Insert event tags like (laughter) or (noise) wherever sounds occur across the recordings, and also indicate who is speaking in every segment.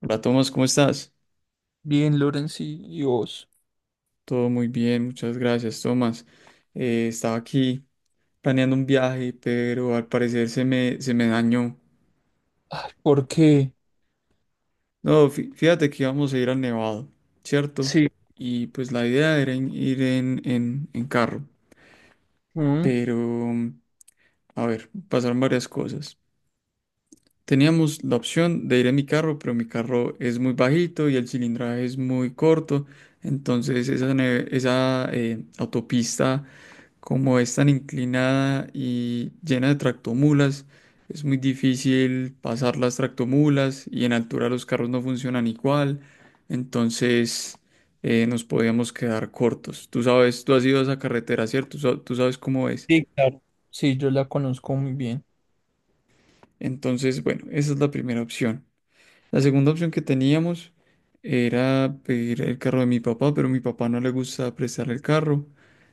Speaker 1: Hola Tomás, ¿cómo estás?
Speaker 2: Bien, Lorenz y vos.
Speaker 1: Todo muy bien, muchas gracias Tomás. Estaba aquí planeando un viaje, pero al parecer se me dañó.
Speaker 2: Ay, ¿por qué?
Speaker 1: No, fíjate que íbamos a ir al Nevado, ¿cierto?
Speaker 2: Sí.
Speaker 1: Y pues la idea era ir en carro,
Speaker 2: ¿Mm?
Speaker 1: pero a ver, pasaron varias cosas. Teníamos la opción de ir en mi carro, pero mi carro es muy bajito y el cilindraje es muy corto, entonces esa autopista, como es tan inclinada y llena de tractomulas, es muy difícil pasar las tractomulas, y en altura los carros no funcionan igual. Entonces nos podíamos quedar cortos. Tú sabes, tú has ido a esa carretera, ¿cierto? Tú sabes cómo es.
Speaker 2: Sí, claro. Sí, yo la conozco muy bien.
Speaker 1: Entonces, bueno, esa es la primera opción. La segunda opción que teníamos era pedir el carro de mi papá, pero a mi papá no le gusta prestar el carro.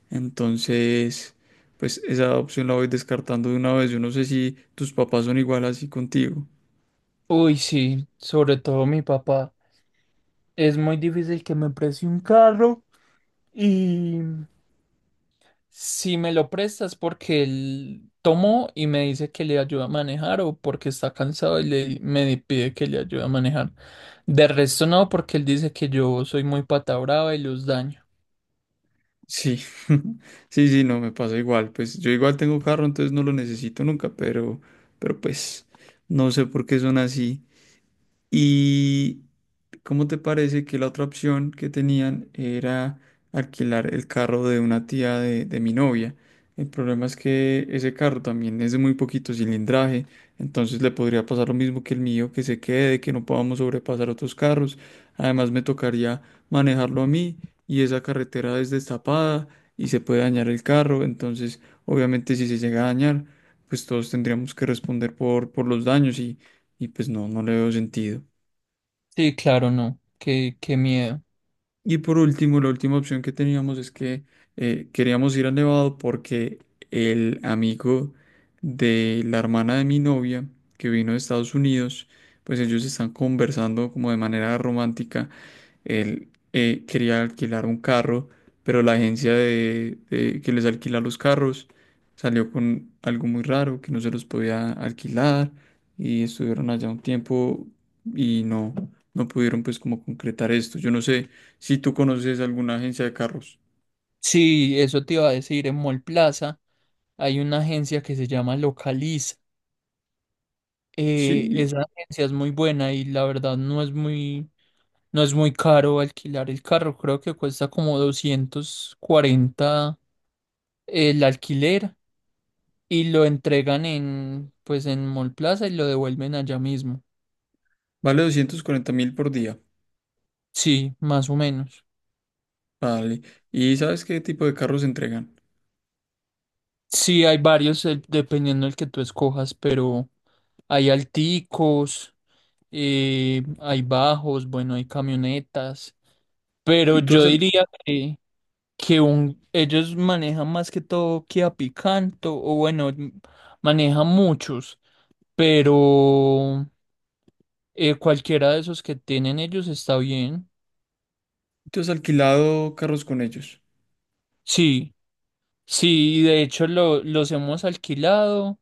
Speaker 1: Entonces, pues esa opción la voy descartando de una vez. Yo no sé si tus papás son igual así contigo.
Speaker 2: Uy, sí, sobre todo mi papá. Es muy difícil que me preste un carro y si me lo prestas porque él tomó y me dice que le ayuda a manejar o porque está cansado me pide que le ayude a manejar. De resto no, porque él dice que yo soy muy pata brava y los daño.
Speaker 1: Sí, (laughs) sí, sí, no, me pasa igual. Pues yo igual tengo carro, entonces no lo necesito nunca, pero, pero pues, no sé por qué son así. Y ¿cómo te parece que la otra opción que tenían era alquilar el carro de una tía de mi novia? El problema es que ese carro también es de muy poquito cilindraje, entonces le podría pasar lo mismo que el mío, que se quede, que no podamos sobrepasar otros carros. Además me tocaría manejarlo a mí, y esa carretera es destapada y se puede dañar el carro. Entonces, obviamente, si se llega a dañar, pues todos tendríamos que responder por los daños, y pues no, no le veo sentido.
Speaker 2: Sí, claro, no. Qué miedo.
Speaker 1: Y por último, la última opción que teníamos es que queríamos ir a Nevado porque el amigo de la hermana de mi novia, que vino de Estados Unidos, pues ellos están conversando como de manera romántica. Él quería alquilar un carro, pero la agencia de que les alquila los carros salió con algo muy raro, que no se los podía alquilar, y estuvieron allá un tiempo y no, no pudieron pues como concretar esto. Yo no sé. Si tú conoces alguna agencia de carros,
Speaker 2: Sí, eso te iba a decir, en Mall Plaza hay una agencia que se llama Localiz.
Speaker 1: sí,
Speaker 2: Esa agencia es muy buena y la verdad no es muy caro alquilar el carro. Creo que cuesta como 240 el alquiler y lo entregan en, pues en Mall Plaza y lo devuelven allá mismo.
Speaker 1: vale 240.000 por día.
Speaker 2: Sí, más o menos.
Speaker 1: Vale. ¿Y sabes qué tipo de carros entregan?
Speaker 2: Sí, hay varios dependiendo del que tú escojas, pero hay alticos, hay bajos, bueno, hay camionetas. Pero
Speaker 1: ¿Y
Speaker 2: yo diría que ellos manejan más que todo Kia Picanto, o bueno, manejan muchos, pero cualquiera de esos que tienen ellos está bien.
Speaker 1: tú has alquilado carros con ellos?
Speaker 2: Sí, sí, de hecho los hemos alquilado,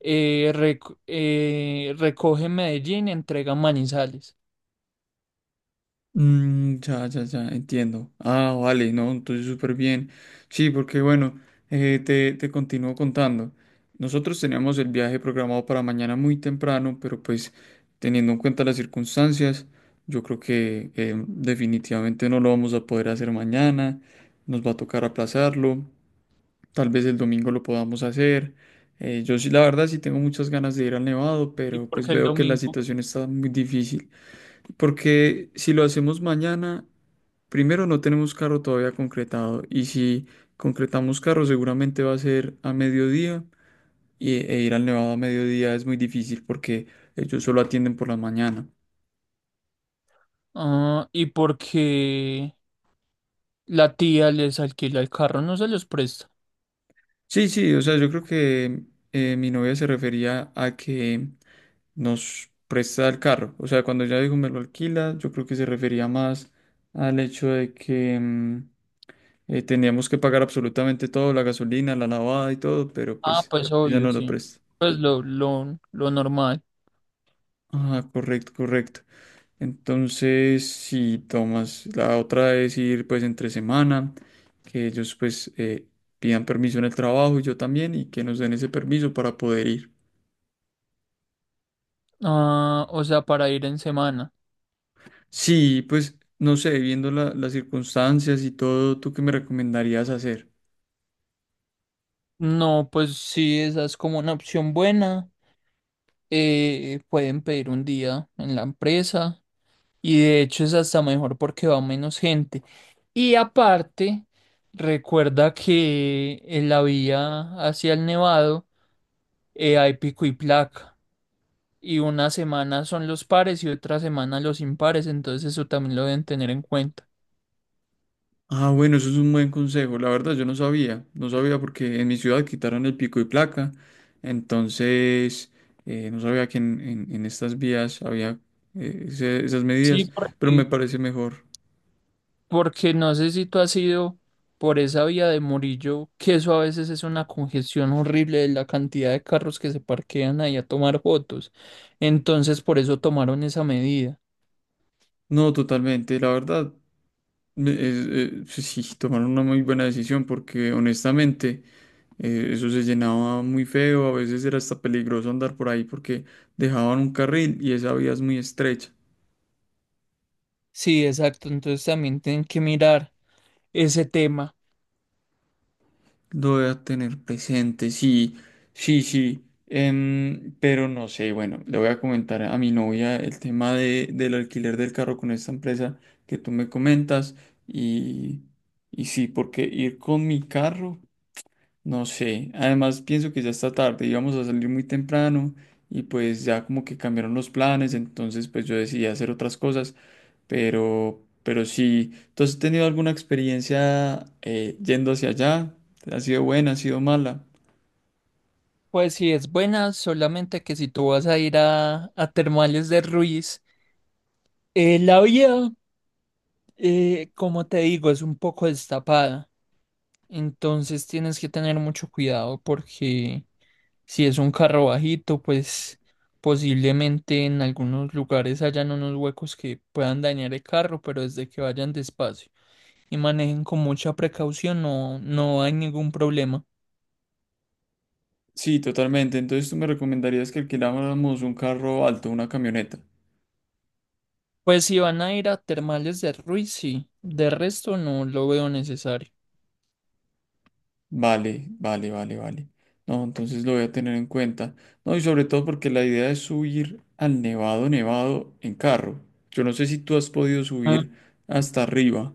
Speaker 2: recoge en Medellín, entrega en Manizales.
Speaker 1: Mm, ya, ya, ya, entiendo. Ah, vale, no, entonces súper bien. Sí, porque bueno, te continúo contando. Nosotros teníamos el viaje programado para mañana muy temprano, pero pues teniendo en cuenta las circunstancias, yo creo que definitivamente no lo vamos a poder hacer mañana. Nos va a tocar aplazarlo. Tal vez el domingo lo podamos hacer. Yo sí, la verdad, sí tengo muchas ganas de ir al Nevado,
Speaker 2: Y
Speaker 1: pero pues
Speaker 2: porque el
Speaker 1: veo que la
Speaker 2: domingo,
Speaker 1: situación está muy difícil. Porque si lo hacemos mañana, primero no tenemos carro todavía concretado. Y si concretamos carro, seguramente va a ser a mediodía. E ir al Nevado a mediodía es muy difícil porque ellos solo atienden por la mañana.
Speaker 2: ah, y porque la tía les alquila el carro, no se los presta.
Speaker 1: Sí, sí, o sea, yo creo que mi novia se refería a que nos presta el carro. O sea, cuando ella dijo me lo alquila, yo creo que se refería más al hecho de que teníamos que pagar absolutamente todo, la gasolina, la lavada y todo, pero
Speaker 2: Ah,
Speaker 1: pues
Speaker 2: pues
Speaker 1: ella
Speaker 2: obvio,
Speaker 1: no lo
Speaker 2: sí.
Speaker 1: presta.
Speaker 2: Pues lo normal.
Speaker 1: Ah, correcto, correcto. Entonces, si tomas, la otra es ir pues entre semana, que ellos pues pidan permiso en el trabajo y yo también, y que nos den ese permiso para poder ir.
Speaker 2: Ah, o sea, para ir en semana.
Speaker 1: Sí, pues no sé, viendo las circunstancias y todo, ¿tú qué me recomendarías hacer?
Speaker 2: No, pues sí, esa es como una opción buena. Pueden pedir un día en la empresa y de hecho es hasta mejor porque va menos gente. Y aparte, recuerda que en la vía hacia el Nevado hay pico y placa y una semana son los pares y otra semana los impares, entonces eso también lo deben tener en cuenta.
Speaker 1: Ah, bueno, eso es un buen consejo. La verdad, yo no sabía, no sabía, porque en mi ciudad quitaron el pico y placa, entonces no sabía que en estas vías había esas
Speaker 2: Sí,
Speaker 1: medidas, pero me
Speaker 2: porque
Speaker 1: parece mejor.
Speaker 2: Porque no sé si tú has ido por esa vía de Murillo, que eso a veces es una congestión horrible de la cantidad de carros que se parquean ahí a tomar fotos. Entonces, por eso tomaron esa medida.
Speaker 1: No, totalmente, la verdad, sí, sí, tomaron una muy buena decisión porque honestamente… Eso se llenaba muy feo, a veces era hasta peligroso andar por ahí porque dejaban un carril y esa vía es muy estrecha.
Speaker 2: Sí, exacto. Entonces también tienen que mirar ese tema.
Speaker 1: Lo voy a tener presente, sí, sí, sí. Pero no sé, bueno, le voy a comentar a mi novia el tema del alquiler del carro con esta empresa que tú me comentas, y, y sí, porque ir con mi carro. No sé, además pienso que ya está tarde, íbamos a salir muy temprano, y pues ya como que cambiaron los planes, entonces pues yo decidí hacer otras cosas. Pero sí, ¿tú has tenido alguna experiencia yendo hacia allá? ¿Ha sido buena, ha sido mala?
Speaker 2: Pues sí, es buena, solamente que si tú vas a ir a Termales de Ruiz, la vía, como te digo, es un poco destapada. Entonces tienes que tener mucho cuidado porque si es un carro bajito, pues posiblemente en algunos lugares hayan unos huecos que puedan dañar el carro, pero desde que vayan despacio y manejen con mucha precaución, no, no hay ningún problema.
Speaker 1: Sí, totalmente. Entonces, ¿tú me recomendarías que alquiláramos un carro alto, una camioneta?
Speaker 2: Pues si van a ir a Termales de Ruiz, sí. De resto no lo veo necesario.
Speaker 1: Vale, vale, vale, vale. No, entonces lo voy a tener en cuenta. No, y sobre todo porque la idea es subir al Nevado Nevado en carro. Yo no sé si tú has podido
Speaker 2: Ah.
Speaker 1: subir hasta arriba,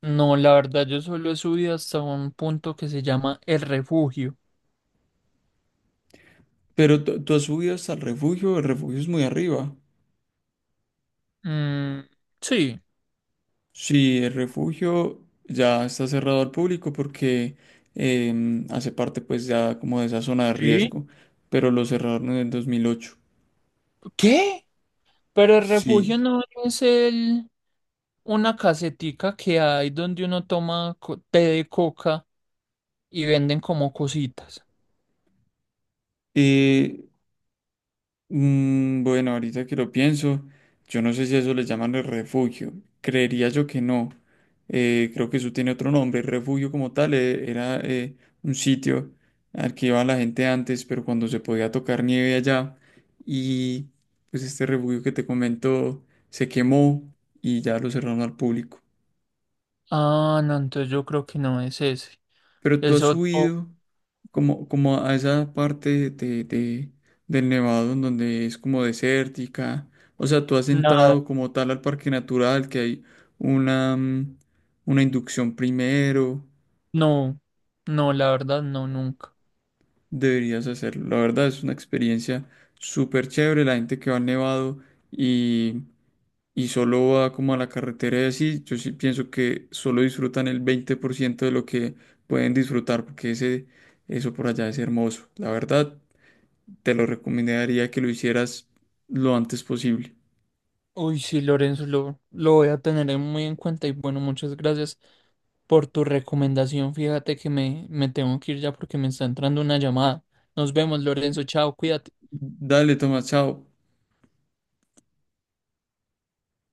Speaker 2: No, la verdad, yo solo he subido hasta un punto que se llama El Refugio.
Speaker 1: pero tú has subido hasta el Refugio. El Refugio es muy arriba.
Speaker 2: Mm, sí.
Speaker 1: Sí, el Refugio ya está cerrado al público porque hace parte pues ya como de esa zona de
Speaker 2: ¿Sí?
Speaker 1: riesgo, pero lo cerraron en el 2008.
Speaker 2: ¿Qué? Pero el refugio
Speaker 1: Sí.
Speaker 2: no es el una casetica que hay donde uno toma té de coca y venden como cositas.
Speaker 1: Eh, bueno, ahorita que lo pienso, yo no sé si a eso le llaman el Refugio. Creería yo que no. Creo que eso tiene otro nombre. El Refugio como tal era un sitio al que iba la gente antes, pero cuando se podía tocar nieve allá. Y pues este refugio que te comento se quemó, y ya lo cerraron al público.
Speaker 2: Ah, no, entonces yo creo que no es ese.
Speaker 1: Pero ¿tú
Speaker 2: Es
Speaker 1: has
Speaker 2: otro,
Speaker 1: subido como a esa parte del Nevado en donde es como desértica? O sea, ¿tú has
Speaker 2: nada,
Speaker 1: entrado como tal al parque natural, que hay una, una inducción primero?
Speaker 2: no, no, la verdad, no, nunca.
Speaker 1: Deberías hacerlo. La verdad es una experiencia súper chévere. La gente que va al Nevado y, y solo va como a la carretera y así, yo sí pienso que solo disfrutan el 20% de lo que pueden disfrutar, porque ese, eso por allá es hermoso. La verdad, te lo recomendaría que lo hicieras lo antes posible.
Speaker 2: Uy, sí, Lorenzo, lo voy a tener muy en cuenta y bueno, muchas gracias por tu recomendación. Fíjate que me tengo que ir ya porque me está entrando una llamada. Nos vemos, Lorenzo, chao, cuídate.
Speaker 1: Dale, Tomás, chao.